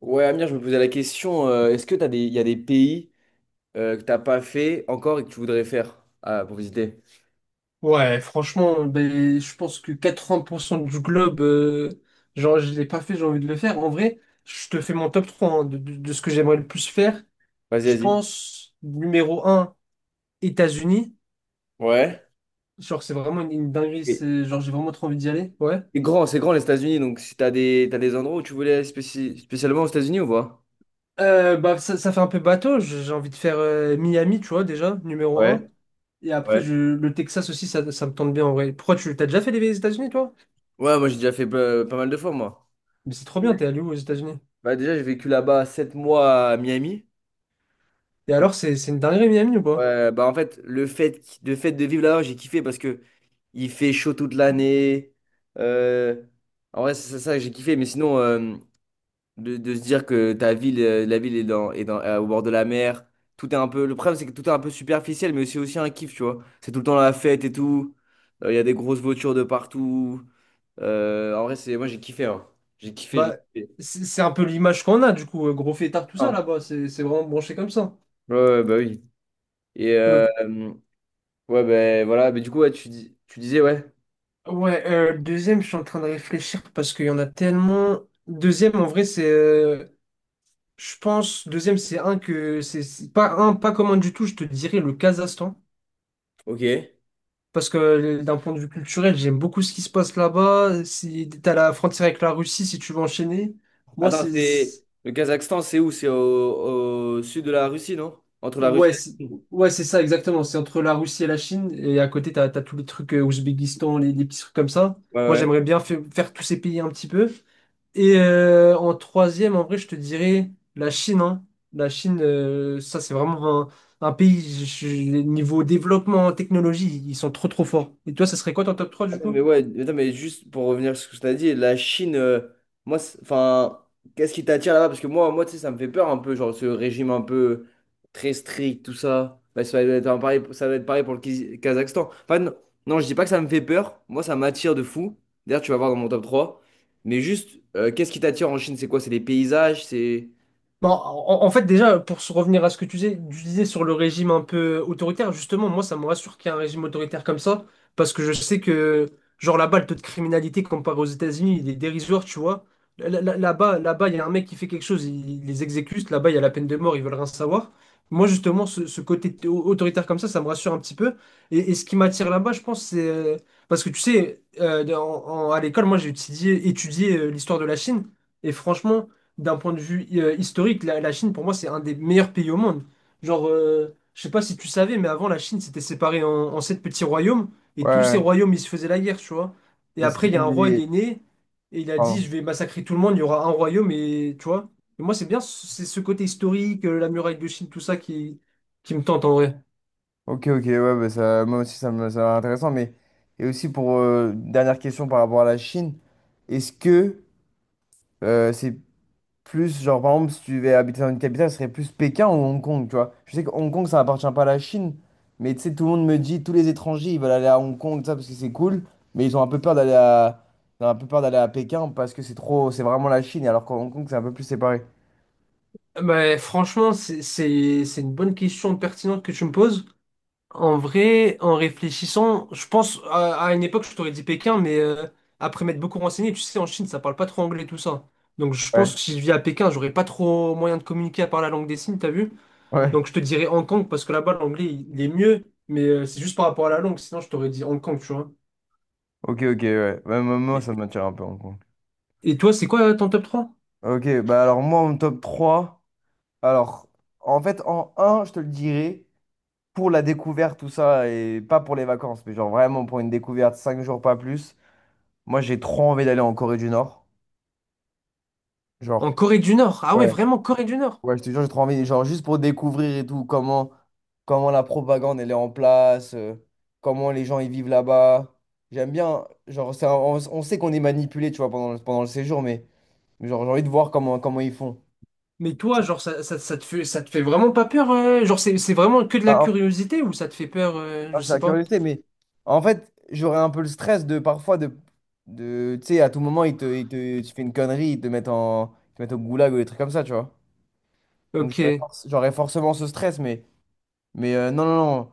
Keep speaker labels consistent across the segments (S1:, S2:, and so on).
S1: Ouais, Amir, je me posais la question, est-ce que il y a des pays que t'as pas fait encore et que tu voudrais faire pour visiter?
S2: Ouais, franchement, ben, je pense que 80% du globe, genre, je l'ai pas fait, j'ai envie de le faire. En vrai, je te fais mon top 3 hein, de ce que j'aimerais le plus faire.
S1: Vas-y,
S2: Je
S1: vas-y.
S2: pense, numéro un, États-Unis.
S1: Ouais.
S2: Genre, c'est vraiment une dinguerie,
S1: Et,
S2: genre, j'ai vraiment trop envie d'y aller. Ouais.
S1: et grand, c'est grand les États-Unis, donc si t'as des endroits où tu voulais aller spécialement aux États-Unis ou pas?
S2: Bah, ça fait un peu bateau, j'ai envie de faire Miami, tu vois, déjà, numéro un.
S1: Ouais,
S2: Et après,
S1: ouais.
S2: le Texas aussi, ça me tente bien en vrai. Pourquoi tu t'as déjà fait les États-Unis, toi?
S1: Ouais, moi j'ai déjà fait pas mal de fois, moi.
S2: Mais c'est trop bien, t'es allé où aux États-Unis?
S1: Bah, déjà, j'ai vécu là-bas 7 mois à Miami.
S2: Et
S1: J'ai-
S2: alors, c'est une dinguerie, Miami ou pas?
S1: Ouais, bah en fait, le fait de vivre là-bas, j'ai kiffé parce que il fait chaud toute l'année. Euh, En vrai, c'est ça que j'ai kiffé, mais sinon, de se dire que ta ville, la ville est dans, au bord de la mer. Tout est un peu, Le problème, c'est que tout est un peu superficiel, mais c'est aussi un kiff, tu vois. C'est tout le temps la fête et tout. Il y a des grosses voitures de partout. En vrai, c'est, moi, j'ai kiffé, hein. J'ai kiffé, j'ai
S2: Bah,
S1: kiffé.
S2: c'est un peu l'image qu'on a, du coup, gros fêtard, tout ça
S1: Ah.
S2: là-bas, c'est vraiment branché comme ça.
S1: Ouais, ouais, bah oui. Et
S2: Euh,
S1: ouais, ben voilà. Mais du coup, ouais, tu disais, ouais.
S2: ouais, deuxième, je suis en train de réfléchir parce qu'il y en a tellement. Deuxième, en vrai, c'est. Je pense, deuxième, c'est un que. C'est pas un, pas commun du tout, je te dirais le Kazakhstan.
S1: Ok.
S2: Parce que d'un point de vue culturel, j'aime beaucoup ce qui se passe là-bas. Si t'as la frontière avec la Russie, si tu veux enchaîner. Moi,
S1: Attends,
S2: c'est.
S1: c'est le Kazakhstan, c'est où? C'est au sud de la Russie, non? Entre la Russie et
S2: Ouais,
S1: la Chine.
S2: c'est ça, exactement. C'est entre la Russie et la Chine. Et à côté, t'as tous les trucs Ouzbékistan, les petits trucs comme ça.
S1: Ouais,
S2: Moi,
S1: ouais.
S2: j'aimerais bien faire tous ces pays un petit peu. Et en troisième, en vrai, je te dirais la Chine, hein. La Chine, ça, c'est vraiment un pays, niveau développement, technologie, ils sont trop forts. Et toi, ça serait quoi ton top 3 du
S1: Attends, mais
S2: coup?
S1: ouais, attends, mais juste pour revenir sur ce que tu as dit, la Chine, moi, enfin, qu'est-ce qui t'attire là-bas? Parce que moi, tu sais, ça me fait peur un peu, genre ce régime un peu très strict, tout ça. Bah, ça va être un pareil, ça va être pareil pour le Kazakhstan. Enfin, non, non, je dis pas que ça me fait peur. Moi, ça m'attire de fou. D'ailleurs, tu vas voir dans mon top trois. Mais juste, qu'est-ce qui t'attire en Chine? C'est quoi? C'est les paysages? C'est.
S2: Bon, en fait, déjà, pour se revenir à ce que tu disais sur le régime un peu autoritaire, justement, moi, ça me rassure qu'il y ait un régime autoritaire comme ça, parce que je sais que, genre, là-bas, le taux de criminalité comparé aux États-Unis, il est dérisoire, tu vois. Là-bas, il y a un mec qui fait quelque chose, il les exécute. Là-bas, il y a la peine de mort, ils veulent rien savoir. Moi, justement, ce côté autoritaire comme ça me rassure un petit peu. Et ce qui m'attire là-bas, je pense, parce que, tu sais, à l'école, moi, étudié l'histoire de la Chine, et franchement d'un point de vue historique, la Chine, pour moi, c'est un des meilleurs pays au monde. Genre, je sais pas si tu savais, mais avant, la Chine s'était séparée en sept petits royaumes, et tous ces
S1: Ouais.
S2: royaumes, ils se faisaient la guerre, tu vois. Et
S1: Et c'est
S2: après, il y a un
S1: même
S2: roi, il
S1: les...
S2: est né, et il a dit,
S1: Pardon.
S2: je vais massacrer tout le monde, il y aura un royaume, et tu vois. Et moi, c'est bien, c'est ce côté historique, la muraille de Chine, qui me tente en vrai.
S1: Ok, ok, ouais, bah ça, moi aussi ça m'a l'air intéressant, mais et aussi pour une dernière question par rapport à la Chine, est-ce que c'est plus genre par exemple si tu devais habiter dans une capitale, ce serait plus Pékin ou Hong Kong, tu vois? Je sais que Hong Kong ça appartient pas à la Chine, mais tu sais tout le monde me dit tous les étrangers ils veulent aller à Hong Kong tout ça parce que c'est cool, mais ils ont un peu peur d'aller à Pékin parce que c'est trop c'est vraiment la Chine alors qu'en Hong Kong c'est un peu plus séparé.
S2: Mais franchement, c'est une bonne question pertinente que tu me poses. En vrai, en réfléchissant, je pense à une époque, je t'aurais dit Pékin, mais après m'être beaucoup renseigné, tu sais, en Chine, ça parle pas trop anglais, tout ça. Donc je
S1: Ouais,
S2: pense que si je vis à Pékin, j'aurais pas trop moyen de communiquer à part la langue des signes, t'as vu?
S1: ouais.
S2: Donc je te dirais Hong Kong, parce que là-bas, l'anglais, il est mieux, mais c'est juste par rapport à la langue, sinon je t'aurais dit Hong Kong, tu vois.
S1: Ok, ok, ouais. Ouais, moi,
S2: Et,
S1: ça m'attire un peu Hong Kong.
S2: et toi, c'est quoi ton top 3?
S1: Ok, bah alors moi en top trois. Alors, en fait, en un, je te le dirais, pour la découverte, tout ça, et pas pour les vacances, mais genre vraiment pour une découverte, 5 jours, pas plus. Moi, j'ai trop envie d'aller en Corée du Nord. Genre,
S2: En Corée du Nord. Ah ouais,
S1: ouais,
S2: vraiment, Corée du Nord.
S1: ouais, je te jure, j'ai trop envie, genre juste pour découvrir et tout, comment la propagande, elle est en place, comment les gens, ils vivent là-bas. J'aime bien, genre, on sait qu'on est manipulé, tu vois, pendant le séjour, mais genre, j'ai envie de voir comment ils font.
S2: Mais toi, genre, ça te fait vraiment pas peur? Euh, genre, c'est vraiment que de la curiosité ou ça te fait peur? Euh,
S1: Ah,
S2: je
S1: c'est
S2: sais
S1: la
S2: pas.
S1: curiosité, mais en fait, j'aurais un peu le stress de parfois de tu sais, à tout moment, ils te, tu fais une connerie, ils te mettent au goulag ou des trucs comme ça, tu vois. Donc
S2: Ok.
S1: j'aurais forcément ce stress, mais, non, non, non,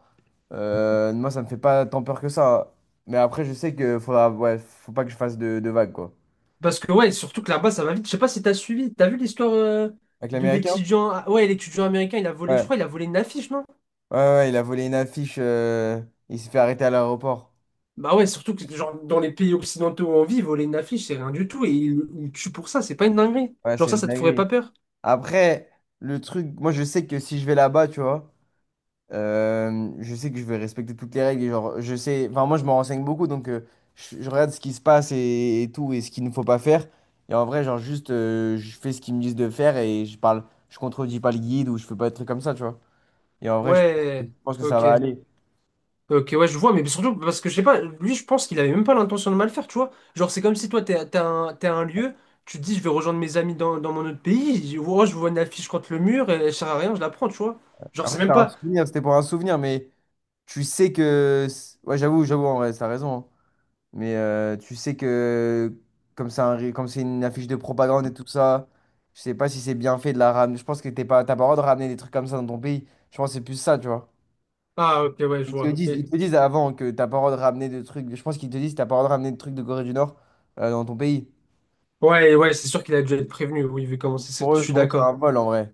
S1: Moi, ça me fait pas tant peur que ça. Mais après, je sais que faudra, ouais, faut pas que je fasse de vagues, quoi.
S2: Parce que ouais, surtout que là-bas, ça va vite. Je sais pas si t'as suivi. T'as vu l'histoire
S1: Avec
S2: de
S1: l'Américain?
S2: l'étudiant. Ah, ouais, l'étudiant américain, il a volé, je
S1: Ouais.
S2: crois, il a volé une affiche, non?
S1: Ouais, ouais, ouais, il a volé une affiche, il s'est fait arrêter à l'aéroport.
S2: Bah ouais, surtout que genre dans les pays occidentaux où on vit, voler une affiche, c'est rien du tout. Et il tue pour ça, c'est pas une dinguerie.
S1: Ouais,
S2: Genre
S1: c'est
S2: ça,
S1: une
S2: ça te ferait
S1: dinguerie.
S2: pas peur.
S1: Après, le truc, moi, je sais que si je vais là-bas, tu vois. Euh, je sais que je vais respecter toutes les règles. Et genre, je sais, enfin, moi, je me renseigne beaucoup, donc je regarde ce qui se passe et tout, et ce qu'il ne faut pas faire. Et en vrai, genre, juste, je fais ce qu'ils me disent de faire et je parle, je contredis pas le guide ou je fais pas des trucs comme ça, tu vois. Et en vrai, je
S2: Ouais,
S1: pense que ça
S2: ok.
S1: va aller.
S2: Ok, ouais, je vois, mais surtout parce que je sais pas, lui, je pense qu'il avait même pas l'intention de mal faire, tu vois. Genre, c'est comme si toi, t'es à un lieu, tu te dis, je vais rejoindre mes amis dans mon autre pays, je vois une affiche contre le mur, et elle sert à rien, je la prends, tu vois. Genre,
S1: Après,
S2: c'est
S1: c'est
S2: même
S1: un
S2: pas.
S1: souvenir, c'était pour un souvenir, mais tu sais que. C'est- ouais, j'avoue, j'avoue, en vrai, t'as raison, hein. Mais tu sais que comme c'est une affiche de propagande et tout ça, je sais pas si c'est bien fait de la ramener. Je pense que t'as pas le droit de ramener des trucs comme ça dans ton pays. Je pense que c'est plus ça, tu vois.
S2: Ah, ok, ouais, je
S1: Ils te le
S2: vois.
S1: disent, ils te
S2: Et-
S1: le disent avant que t'as pas le droit de ramener des trucs. Je pense qu'ils te disent que t'as pas le droit de ramener des trucs de Corée du Nord dans ton pays.
S2: Ouais, ouais, c'est sûr qu'il a déjà été prévenu, oui, vu comment je suis
S1: Pour eux, c'est un
S2: d'accord.
S1: vol en vrai.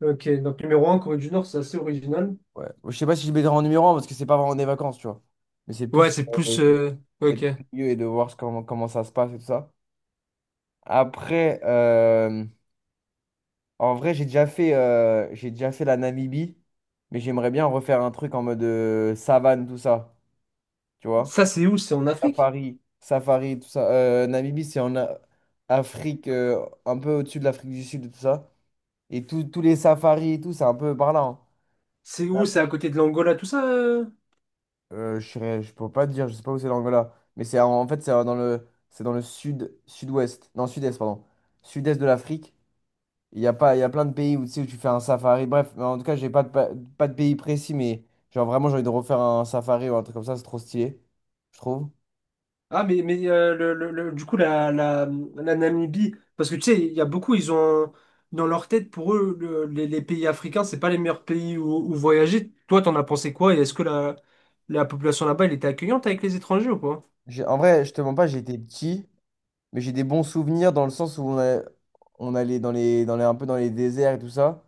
S2: Ok, donc numéro un Corée du Nord, c'est assez original.
S1: Ouais. Je sais pas si je le mettrai en numéro un parce que c'est pas vraiment des vacances, tu vois. Mais c'est
S2: Ouais,
S1: plus
S2: c'est
S1: euh,
S2: plus. Euh,
S1: d'être
S2: ok.
S1: curieux et de voir comment ça se passe et tout ça. Après, en vrai, j'ai déjà fait la Namibie, mais j'aimerais bien refaire un truc en mode savane, tout ça. Tu vois?
S2: Ça, c'est où? C'est en Afrique?
S1: Safari, safari, tout ça. Namibie, c'est en Afrique, un peu au-dessus de l'Afrique du Sud, et tout ça. Et tous les safaris et tout, c'est un peu par là, hein.
S2: C'est
S1: Là,
S2: où? C'est à côté de l'Angola, tout ça? Euh?
S1: je peux pas te dire, je sais pas où c'est l'Angola. Mais c'est en fait, c'est c'est dans le sud, sud-ouest. Non, sud-est, pardon. Sud-est de l'Afrique. Il y a pas, il y a plein de pays où, tu sais, où tu fais un safari. Bref, mais en tout cas, j'ai pas de pays précis, mais genre vraiment, j'ai envie de refaire un safari ou un truc comme ça, c'est trop stylé, je trouve.
S2: Ah, mais du coup, la Namibie, parce que tu sais, il y a beaucoup, ils ont dans leur tête, pour eux, les pays africains, c'est pas les meilleurs pays où voyager. Toi, t'en as pensé quoi? Et est-ce que la population là-bas, elle était accueillante avec les étrangers ou pas?
S1: En vrai, je te mens pas, j'étais petit, mais j'ai des bons souvenirs dans le sens où on allait un peu dans les déserts et tout ça,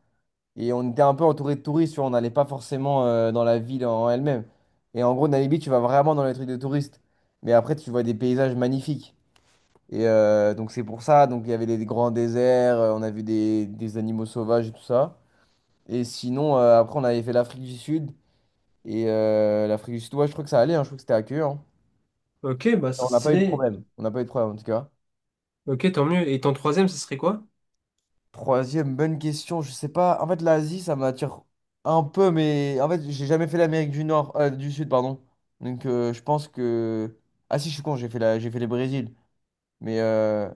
S1: et on était un peu entouré de touristes, tu vois, on n'allait pas forcément dans la ville en elle-même. Et en gros, Namibi, tu vas vraiment dans les trucs de touristes, mais après, tu vois des paysages magnifiques. Et donc c'est pour ça, donc il y avait des grands déserts, on a vu des animaux sauvages et tout ça. Et sinon, après, on avait fait l'Afrique du Sud. Et l'Afrique du Sud, ouais, je crois que ça allait, hein, je crois que c'était accueillant.
S2: Ok, bah
S1: Hein.
S2: c'est
S1: On n'a pas eu de
S2: stylé.
S1: problème. On n'a pas eu de problème en tout cas.
S2: Ok, tant mieux. Et ton troisième, ce serait quoi?
S1: Troisième, bonne question. Je sais pas. En fait, l'Asie, ça m'attire un peu, mais en fait, j'ai jamais fait l'Amérique du Nord, du Sud, pardon. Donc je pense que. Ah si, je suis con, j'ai fait le Brésil. Mais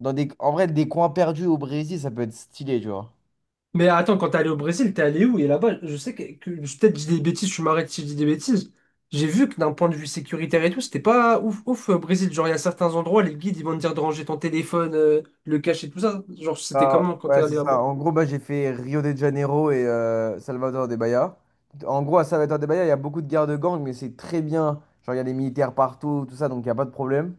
S1: en vrai, des coins perdus au Brésil, ça peut être stylé, tu vois.
S2: Mais attends, quand t'es allé au Brésil, t'es allé où? Et là-bas, je sais peut-être que je dis des bêtises, tu m'arrêtes si je dis des bêtises. J'ai vu que d'un point de vue sécuritaire et tout, c'était pas ouf ouf au Brésil. Genre, il y a certains endroits, les guides, ils vont te dire de ranger ton téléphone, le cacher, tout ça. Genre, c'était
S1: Ah,
S2: comment quand
S1: ouais,
S2: t'es
S1: c'est
S2: allé
S1: ça.
S2: là-bas?
S1: En gros, bah, j'ai fait Rio de Janeiro et Salvador de Bahia. En gros, à Salvador de Bahia, il y a beaucoup de guerres de gangs, mais c'est très bien. Genre, il y a des militaires partout, tout ça, donc il n'y a pas de problème.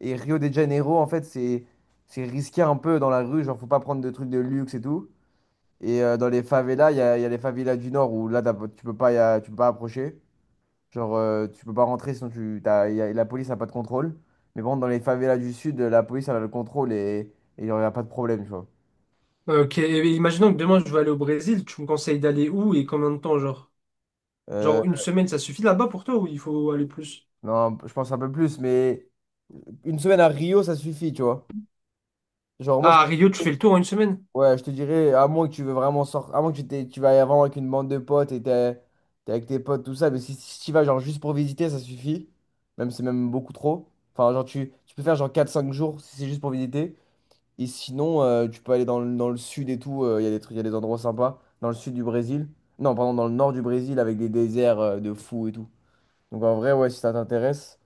S1: Et Rio de Janeiro, en fait, c'est risqué un peu dans la rue. Genre, faut pas prendre de trucs de luxe et tout. Et dans les favelas, il y a les favelas du Nord où là, t'as pas- tu peux pas, tu peux pas approcher. Genre, tu peux pas rentrer sinon tu, t'as- y a- la police n'a pas de contrôle. Mais bon, dans les favelas du Sud, la police, elle a le contrôle et il n'y a pas de problème, tu vois.
S2: Ok, et imaginons que demain je veux aller au Brésil, tu me conseilles d'aller où et combien de temps, genre?
S1: Euh,
S2: Genre une semaine, ça suffit là-bas pour toi ou il faut aller plus?
S1: Non, je pense un peu plus, mais une semaine à Rio, ça suffit, tu vois. Genre, moi,
S2: Ah, à Rio, tu fais le tour en une semaine?
S1: ouais, je te dirais, à moins que tu veux vraiment sortir, à moins que tu vas vraiment avec une bande de potes et t'es avec tes potes, tout ça, mais si tu y vas, genre, juste pour visiter, ça suffit. Même, si c'est même beaucoup trop. Enfin, genre, tu peux faire, genre, 4 5 jours si c'est juste pour visiter. Et sinon, tu peux aller dans le sud et tout, il y a des trucs, il y a des endroits sympas. Dans le sud du Brésil. Non, pardon, dans le nord du Brésil avec des déserts de fous et tout. Donc, en vrai, ouais, si ça t'intéresse.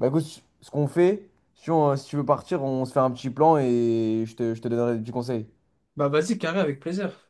S1: Bah écoute, ce qu'on fait, si tu veux partir, on se fait un petit plan et je te donnerai des petits conseils.
S2: Bah vas-y, carré, avec plaisir.